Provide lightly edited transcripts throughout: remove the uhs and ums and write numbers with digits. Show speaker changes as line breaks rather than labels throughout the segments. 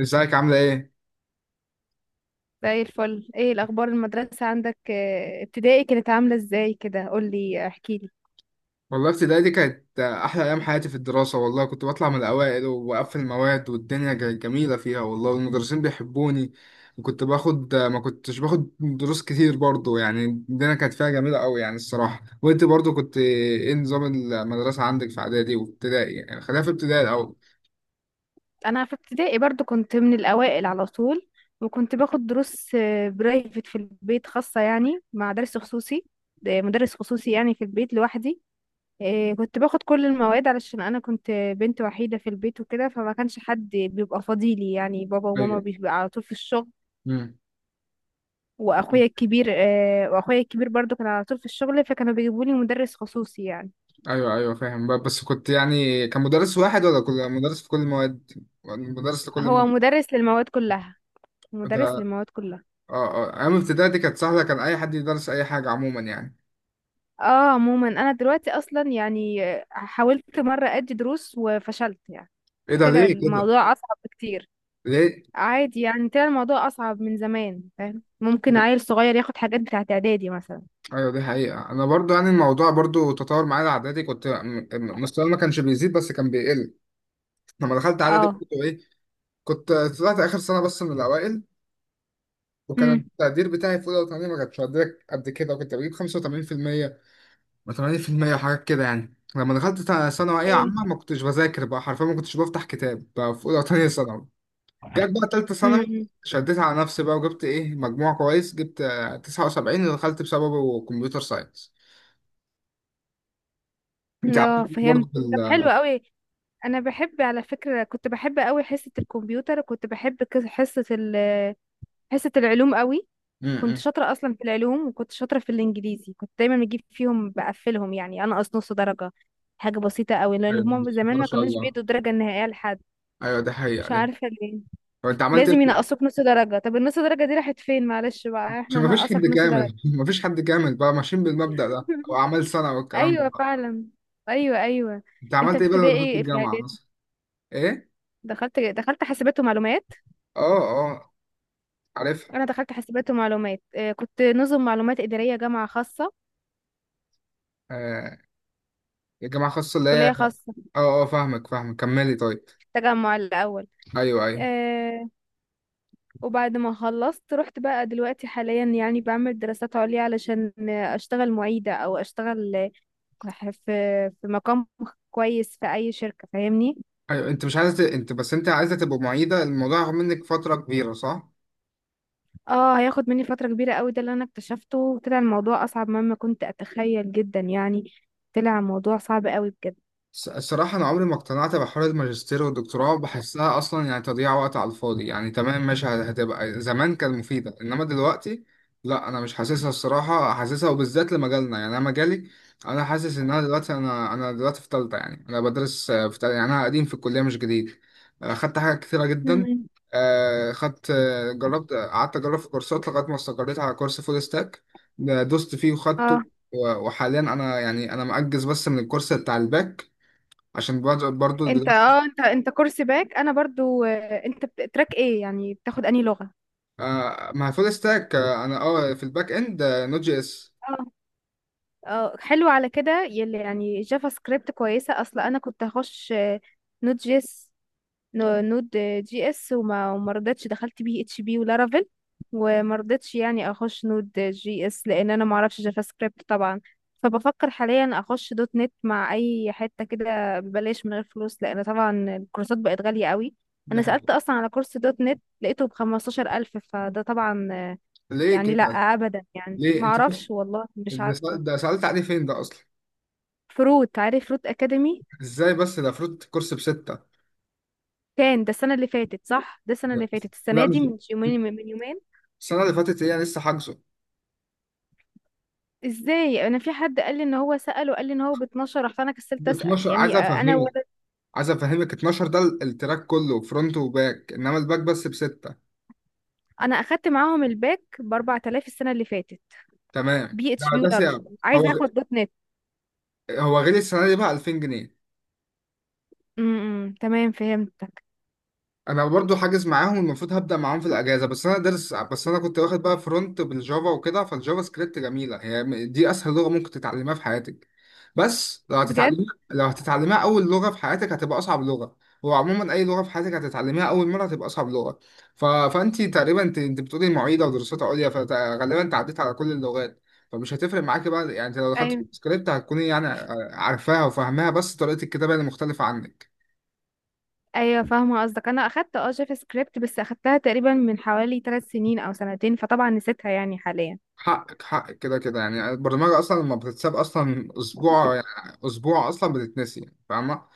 ازيك؟ عاملة ايه؟
زي الفل. ايه الاخبار المدرسه عندك؟ ابتدائي كانت عامله ازاي كده؟ قولي احكي لي.
والله ابتدائي دي كانت أحلى أيام حياتي في الدراسة. والله كنت بطلع من الأوائل وبقفل المواد والدنيا جميلة فيها والله، والمدرسين بيحبوني. وكنت باخد، ما كنتش باخد دروس كتير برضو، يعني، الدنيا كانت فيها جميلة أوي يعني، الصراحة. وأنت برضو كنت ايه نظام المدرسة عندك في إعدادي وابتدائي؟ يعني خلينا في ابتدائي الأول.
انا في ابتدائي برضو كنت من الاوائل على طول، وكنت باخد دروس برايفت في البيت، خاصه يعني مع درس خصوصي. ده مدرس خصوصي يعني في البيت لوحدي. كنت باخد كل المواد علشان انا كنت بنت وحيده في البيت وكده، فما كانش حد بيبقى فاضيلي يعني. بابا وماما
أيوه.
بيبقى على طول في الشغل،
مم.
واخويا الكبير واخويا الكبير برضو كان على طول في الشغل، فكانوا بيجيبوا لي مدرس خصوصي يعني.
أيوه، أيوه، فاهم. بس كنت يعني، كان مدرس واحد ولا كل مدرس في كل المواد؟ مدرس لكل
هو مدرس للمواد كلها،
مادة؟
مدرس للمواد كلها.
اه اه. ايام ابتدائي دي كانت سهله، كان اي حد يدرس اي حاجه عموما يعني.
اه عموما انا دلوقتي اصلا يعني حاولت مره ادي دروس وفشلت يعني.
ايه ده؟
طلع
ليه كده؟
الموضوع اصعب بكتير.
ليه؟
عادي يعني، طلع الموضوع اصعب من زمان. فاهم؟ ممكن عيل صغير ياخد حاجات بتاعت اعدادي مثلا.
ايوه، دي حقيقه. انا برضو يعني الموضوع برضو تطور معايا. اعدادي كنت مستواي ما كانش بيزيد بس كان بيقل. لما دخلت اعدادي
اه.
كنت ايه، كنت طلعت اخر سنه بس من الاوائل. وكان
امم.
التقدير بتاعي في اولى وثانيه ما كانش قد كده، وكنت بجيب 85% و80% وحاجات كده يعني. لما دخلت ثانويه
ايوه.
عامه ما كنتش بذاكر بقى، حرفيا ما كنتش بفتح كتاب بقى في اولى وثانيه ثانوي. جت بقى تالتة ثانوي،
امم.
شديت على نفسي بقى وجبت ايه مجموع كويس، جبت 79 ودخلت بسببه كمبيوتر ساينس. انت عملت
اه
ايه
فهمت.
برضه بال...
طب حلو قوي. انا بحب، على فكره كنت بحب قوي حصه الكمبيوتر، وكنت بحب حصه العلوم قوي. كنت
امم.
شاطرة أصلا في العلوم، وكنت شاطرة في الإنجليزي. كنت دايما بجيب فيهم، بقفلهم يعني، أنقص نص درجة. حاجة بسيطة قوي، لأن
أيوة،
هما
بسم الله
زمان
ما
ما
شاء
كانوش
الله.
بيدوا الدرجة النهائية لحد.
ايوه دي حقيقة
مش
دي.
عارفة ليه.
طب انت عملت
لازم
ايه؟
ينقصوك نص درجة. طب النص درجة دي راحت فين؟ معلش بقى،
عشان
احنا
مفيش حد
نقصك نص درجة.
كامل. مفيش حد كامل بقى، ماشيين بالمبدأ ده او اعمال سنة والكلام ده
أيوة
بقى.
فعلا. أيوة أيوة.
انت
انت
عملت
في
ايه بقى لما دخلت
ابتدائي في
الجامعة
اعدادي.
مثلا؟ ايه؟
دخلت حاسبات ومعلومات.
اه اه، عارفها.
انا دخلت حاسبات ومعلومات، كنت نظم معلومات اداريه، جامعه خاصه،
آه، الجامعة الخاصة اللي هي...
كليه خاصه،
اه اه فاهمك، فاهمك، كملي طيب.
في التجمع الاول.
ايوه ايوه.
آه، وبعد ما خلصت رحت بقى دلوقتي حاليا يعني بعمل دراسات عليا علشان اشتغل معيدة، او اشتغل في في مقام كويس في اي شركة، فاهمني؟
أيوة، انت مش انت بس انت عايزه تبقى معيده. الموضوع هياخد منك فتره كبيره صح؟
اه هياخد مني فترة كبيرة قوي. ده اللي انا اكتشفته، وطلع الموضوع اصعب مما كنت اتخيل جدا يعني. طلع الموضوع صعب قوي بجد.
الصراحة أنا عمري ما اقتنعت بحوار الماجستير والدكتوراه، بحسها أصلا يعني تضييع وقت على الفاضي يعني. تمام ماشي، هتبقى زمان كانت مفيدة إنما دلوقتي لا، أنا مش حاسسها الصراحة، حاسسها وبالذات لمجالنا، يعني أنا مجالي، أنا حاسس إن أنا دلوقتي، أنا دلوقتي في تالتة يعني. أنا بدرس في تالتة يعني، أنا قديم في الكلية مش جديد. خدت حاجات كتيرة جدا.
مم.
خدت، جربت، قعدت أجرب في كورسات لغاية ما استقريت على كورس فول ستاك، دوست فيه
اه
وخدته. وحاليا أنا يعني أنا مأجز بس من الكورس بتاع الباك، عشان برضه
انت
دلوقتي...
اه انت كورس باك. انا برضو انت تراك ايه يعني؟ بتاخد انهي لغة؟
آه، مع فول ستاك. آه انا اه في الباك اند، نوت جي اس.
اه حلو. على كده يلي يعني جافا سكريبت كويسة، اصل انا كنت هخش نود جي اس. نود جي اس، وما رضيتش، دخلت بي اتش بي ولارافيل. وما رضيتش يعني اخش نود جي اس لان انا ما اعرفش جافا سكريبت طبعا. فبفكر حاليا اخش دوت نت مع اي حتة كده ببلاش من غير فلوس، لان طبعا الكورسات بقت غالية قوي.
دي
انا سألت
حاجه.
اصلا على كورس دوت نت، لقيته بخمستاشر الف. فده طبعا
ليه
يعني لا
كده؟
ابدا، يعني
ليه
ما
انت بس؟
اعرفش، والله مش عارفة.
ده سألت عليه فين ده اصلا؟
فروت، عارف فروت اكاديمي؟
ازاي بس؟ ده فروت، كورس بستة.
كان ده السنه اللي فاتت، صح؟ ده السنه اللي فاتت.
لا
السنه
مش...
دي من يومين، من يومين.
السنه اللي فاتت هي لسه حاجزه.
ازاي؟ انا في حد قال لي ان هو سال وقال لي ان هو ب 12. رحت انا كسلت
ب
اسال
12، عايز
يعني. انا
افهمك،
ولا
عايز افهمك. 12 ده التراك كله فرونت وباك، انما الباك بس بستة.
انا اخدت معاهم الباك ب 4000 السنه اللي فاتت.
تمام.
بي
ده
اتش بي.
ده
ولا
سعر. هو
عايزه
غ-
اخد دوت نت.
هو غالي السنه دي بقى، 2000 جنيه.
امم. تمام فهمتك.
انا برضو حاجز معاهم، المفروض هبدا معاهم في الاجازه، بس انا دارس. بس انا كنت واخد بقى فرونت بالجافا وكده، فالجافا سكريبت جميله هي، دي اسهل لغه ممكن تتعلمها في حياتك. بس لو
بجد؟
هتتعلمها، لو هتتعلمها اول لغه في حياتك هتبقى اصعب لغه. وعموما اي لغه في حياتك هتتعلمها اول مره هتبقى اصعب لغه. فانت تقريبا انت بتقولي معيده ودراسات عليا، فغالبا انت عديت على كل اللغات، فمش هتفرق معاكي بقى يعني. انت لو دخلت
ايوه
سكريبت هتكوني يعني عارفاها وفاهماها، بس طريقه الكتابه اللي مختلفه عنك.
ايوه فاهمه قصدك. انا اخدت اه جافا سكريبت بس اخدتها تقريبا من حوالي 3 سنين او سنتين، فطبعا نسيتها يعني حاليا.
حقك حقك كده كده يعني. البرمجة أصلا لما بتتساب أصلا أسبوع، يعني أسبوع أصلا بتتنسي يعني، فاهمة؟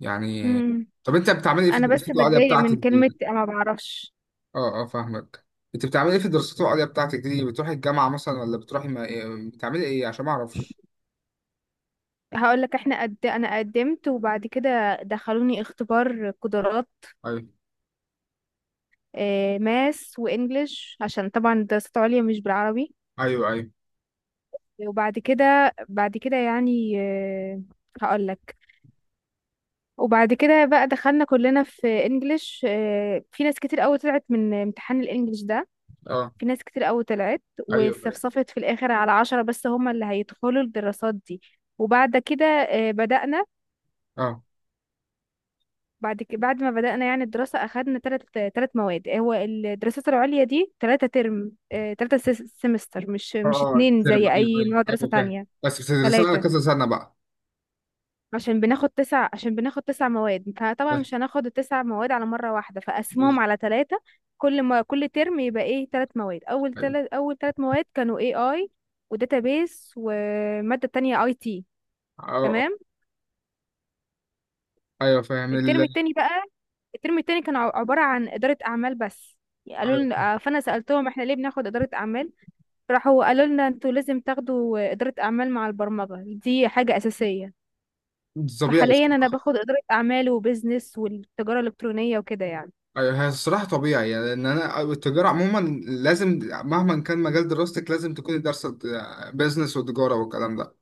يعني،
امم.
طب أنت بتعملي إيه في
انا بس
الدراسات العليا
بتضايق
بتاعتك
من كلمه
دي؟
ما بعرفش.
أه أه فاهمك. أنت بتعملي إيه في الدراسات العليا بتاعتك دي؟ بتروحي الجامعة مثلا ولا بتروحي ما... بتعملي إيه عشان ما أعرفش؟
هقول لك، انا قدمت، وبعد كده دخلوني اختبار قدرات،
أيوه.
ماس وانجليش، عشان طبعا دراسات عليا مش بالعربي.
أيوه أيوه.
وبعد كده يعني هقول لك. وبعد كده بقى دخلنا كلنا في انجليش، في ناس كتير قوي طلعت من امتحان الانجليش ده.
أه.
في ناس كتير قوي طلعت،
أيوه أيوه.
واستفصفت في الاخر على عشرة بس، هما اللي هيدخلوا الدراسات دي. وبعد كده بدأنا.
أه
بعد ما بدأنا يعني الدراسة أخدنا تلت مواد. هو الدراسات العليا دي تلاتة ترم، تلاتة سمستر، مش
أه.
مش اتنين
ترم،
زي
أيوه.
أي نوع
أيوه
دراسة
أيوه فاهم.
تانية.
بس بتدرسي على
تلاتة،
كذا سنة بقى؟
عشان بناخد تسع، عشان بناخد تسع مواد، فطبعا
فاهم.
مش هناخد التسع مواد على مرة واحدة، فقسمهم على تلاتة. كل ما كل ترم يبقى ايه، تلات مواد. أول
أيوه.
تلات أول تلات مواد كانوا AI وداتابيس ومادة تانية IT.
أه،
تمام.
أيوه فاهم ال...
الترم التاني بقى، الترم التاني كان عبارة عن إدارة أعمال بس. قالوا
أيوه،
لنا فأنا سألتهم احنا ليه بناخد إدارة أعمال؟ راحوا قالوا لنا انتوا لازم تاخدوا إدارة أعمال مع البرمجة، دي حاجة أساسية.
طبيعي.
فحاليا أنا باخد إدارة أعمال وبزنس والتجارة الإلكترونية وكده يعني.
ايوه هي الصراحه طبيعي يعني، لان انا التجاره عموما لازم، مهما كان مجال دراستك لازم تكون دارسه بيزنس وتجاره والكلام ده.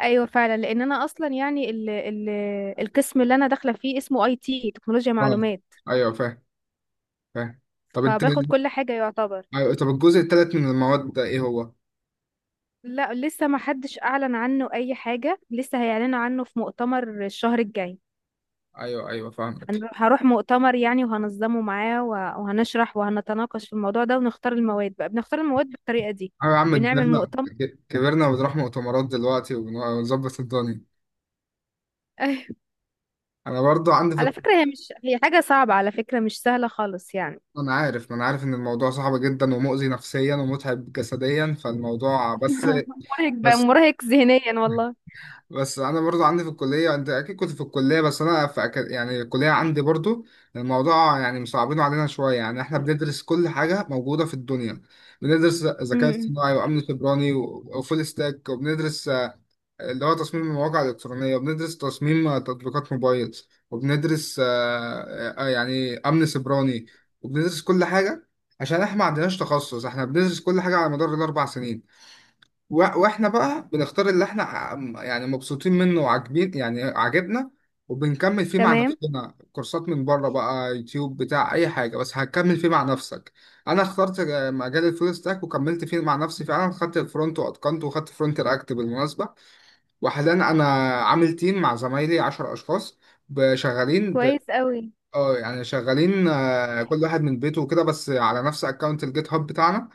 أيوة فعلا، لأن أنا أصلا يعني ال ال القسم اللي أنا داخلة فيه اسمه أي تي، تكنولوجيا
اه
معلومات.
ايوه فاهم فاهم. طب انت...
فباخد كل حاجة يعتبر.
أيوة طب الجزء الثالث من المواد ده ايه هو؟
لا لسه ما حدش أعلن عنه أي حاجة، لسه هيعلنوا عنه في مؤتمر الشهر الجاي.
ايوه ايوه فاهمك.
هروح مؤتمر يعني وهنظمه معاه، وهنشرح وهنتناقش في الموضوع ده ونختار المواد بقى. بنختار المواد بالطريقة دي،
ايوه يا عم
بنعمل
كبرنا.
مؤتمر.
كبرنا وبنروح مؤتمرات دلوقتي ونظبط الدنيا.
أيوة.
انا برضو عندي في...
على فكرة هي مش، هي حاجة صعبة على فكرة، مش سهلة خالص يعني.
انا عارف، ما انا عارف ان الموضوع صعب جدا ومؤذي نفسيا ومتعب جسديا فالموضوع، بس...
مرهق بقى،
بس.
مرهق ذهنيا والله.
بس انا برضو عندي في الكليه، انت اكيد كنت في الكليه، بس انا في يعني الكليه عندي برضو الموضوع يعني مصعبينه علينا شويه يعني. احنا بندرس كل حاجه موجوده في الدنيا، بندرس ذكاء
امم.
اصطناعي وامن سيبراني وفول ستاك، وبندرس اللي هو تصميم المواقع الالكترونيه، وبندرس تصميم تطبيقات موبايل، وبندرس يعني امن سيبراني، وبندرس كل حاجه، عشان احنا ما عندناش تخصص، احنا بندرس كل حاجه على مدار الاربع سنين. واحنا بقى بنختار اللي احنا يعني مبسوطين منه وعاجبين، يعني عاجبنا، وبنكمل فيه مع
تمام.
نفسنا كورسات من بره بقى، يوتيوب بتاع اي حاجه بس هتكمل فيه مع نفسك. انا اخترت مجال الفول ستاك، وكملت فيه مع نفسي فعلا، خدت الفرونت واتقنته، وخدت فرونت رياكت بالمناسبه. وحاليا انا عامل تيم مع زمايلي 10 اشخاص، شغالين ب...
كويس قوي.
اه يعني شغالين، كل واحد من بيته وكده، بس على نفس اكونت الجيت هاب بتاعنا.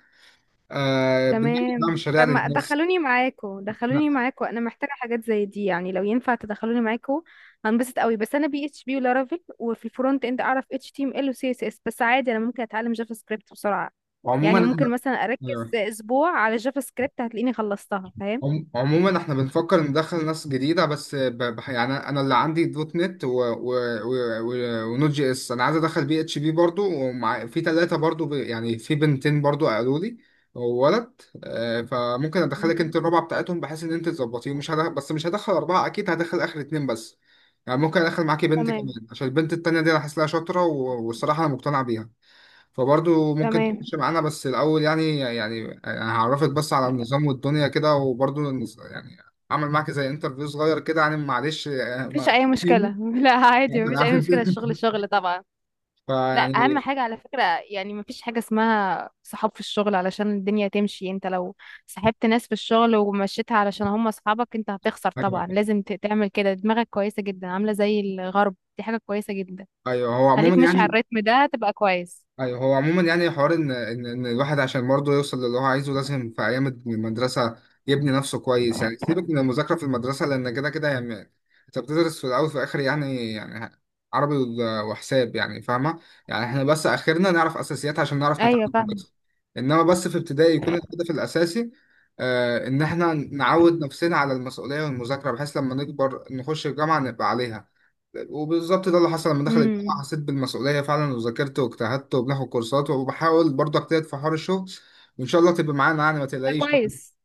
بنعمل بقى
تمام، طب
مشاريع
ما
للناس
دخلوني معاكو، دخلوني معاكو، انا محتاجه حاجات زي دي يعني. لو ينفع تدخلوني معاكو هنبسط قوي. بس انا بي اتش بي ولارافيل، وفي الفرونت اند اعرف اتش تي ام ال وسي اس اس بس، عادي انا ممكن اتعلم جافا سكريبت بسرعه.
وعموما.
يعني ممكن مثلا اركز
أيوة.
اسبوع على جافا سكريبت هتلاقيني خلصتها، فاهم؟
عموما احنا بنفكر ندخل ناس جديدة، بس ب... يعني انا اللي عندي دوت نت و... و... و... و... ونوت جي اس. انا عايز ادخل بي اتش بي برضو، ومع، في ثلاثة برضو ب... يعني في بنتين برضو قالوا لي، وولد. فممكن ادخلك انت
مم.
الرابعة بتاعتهم بحيث ان انت تظبطيهم. مش هدخل... بس مش هدخل اربعة اكيد، هدخل اخر اتنين بس يعني. ممكن ادخل معاكي بنت
تمام.
كمان، عشان البنت التانية دي انا حاسس لها شاطرة، و... والصراحة انا مقتنع بيها. فبرضه ممكن
تمام
تخش معانا، بس الأول يعني يعني أنا هعرفك بس على النظام والدنيا كده، وبرضه يعني أعمل معاك زي انترفيو صغير كده يعني، معلش
مفيش اي مشكله. لا عادي
أنا
مفيش
عارف
اي
أنت.
مشكله، الشغل شغل طبعا. لا اهم
فيعني...
حاجه على فكره، يعني مفيش حاجه اسمها صحاب في الشغل علشان الدنيا تمشي. انت لو صاحبت ناس في الشغل ومشيتها علشان هم اصحابك انت هتخسر
أيوه.
طبعا.
أيوه
لازم تعمل كده، دماغك كويسه جدا، عامله زي الغرب، دي حاجه كويسه جدا.
أيوه. هو عموما
خليك ماشي على
يعني...
الريتم ده تبقى كويس.
ايوه هو عموما يعني حوار ان ان الواحد عشان برضه يوصل للي هو عايزه، لازم في ايام المدرسه يبني نفسه كويس. يعني سيبك من المذاكره في المدرسه، لان كده كده يعني انت بتدرس في الاول وفي الاخر يعني يعني عربي وحساب يعني، فاهمه؟ يعني احنا بس اخرنا نعرف اساسيات عشان نعرف
ايوه
نتعامل
فاهم.
بس. انما بس في ابتدائي يكون الهدف الاساسي آه ان احنا نعود نفسنا على المسؤوليه والمذاكره، بحيث لما نكبر نخش الجامعه نبقى عليها. وبالظبط ده اللي حصل، لما دخل الجامعة
امم.
حسيت بالمسؤولية فعلا، وذاكرت واجتهدت، وبناخد كورسات، وبحاول برضه اجتهد في حوار الشغل. وإن شاء الله تبقى معانا يعني، ما
ده
تقلقيش يعني.
كويس.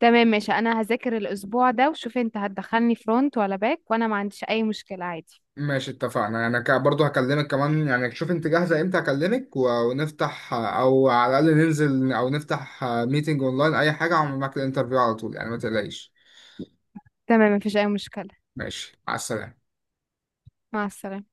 تمام ماشي، انا هذاكر الاسبوع ده وشوف انت هتدخلني فرونت ولا باك، وانا ما عنديش اي مشكله عادي.
ماشي اتفقنا. أنا برضه هكلمك كمان يعني، شوف أنت جاهزة إمتى هكلمك، ونفتح، أو على الأقل ننزل أو نفتح ميتنج أونلاين أي حاجة، أعمل معاك الانترفيو على طول يعني، ما تقلقيش.
تمام مفيش اي مشكله.
ماشي على السلامة.
مع السلامه.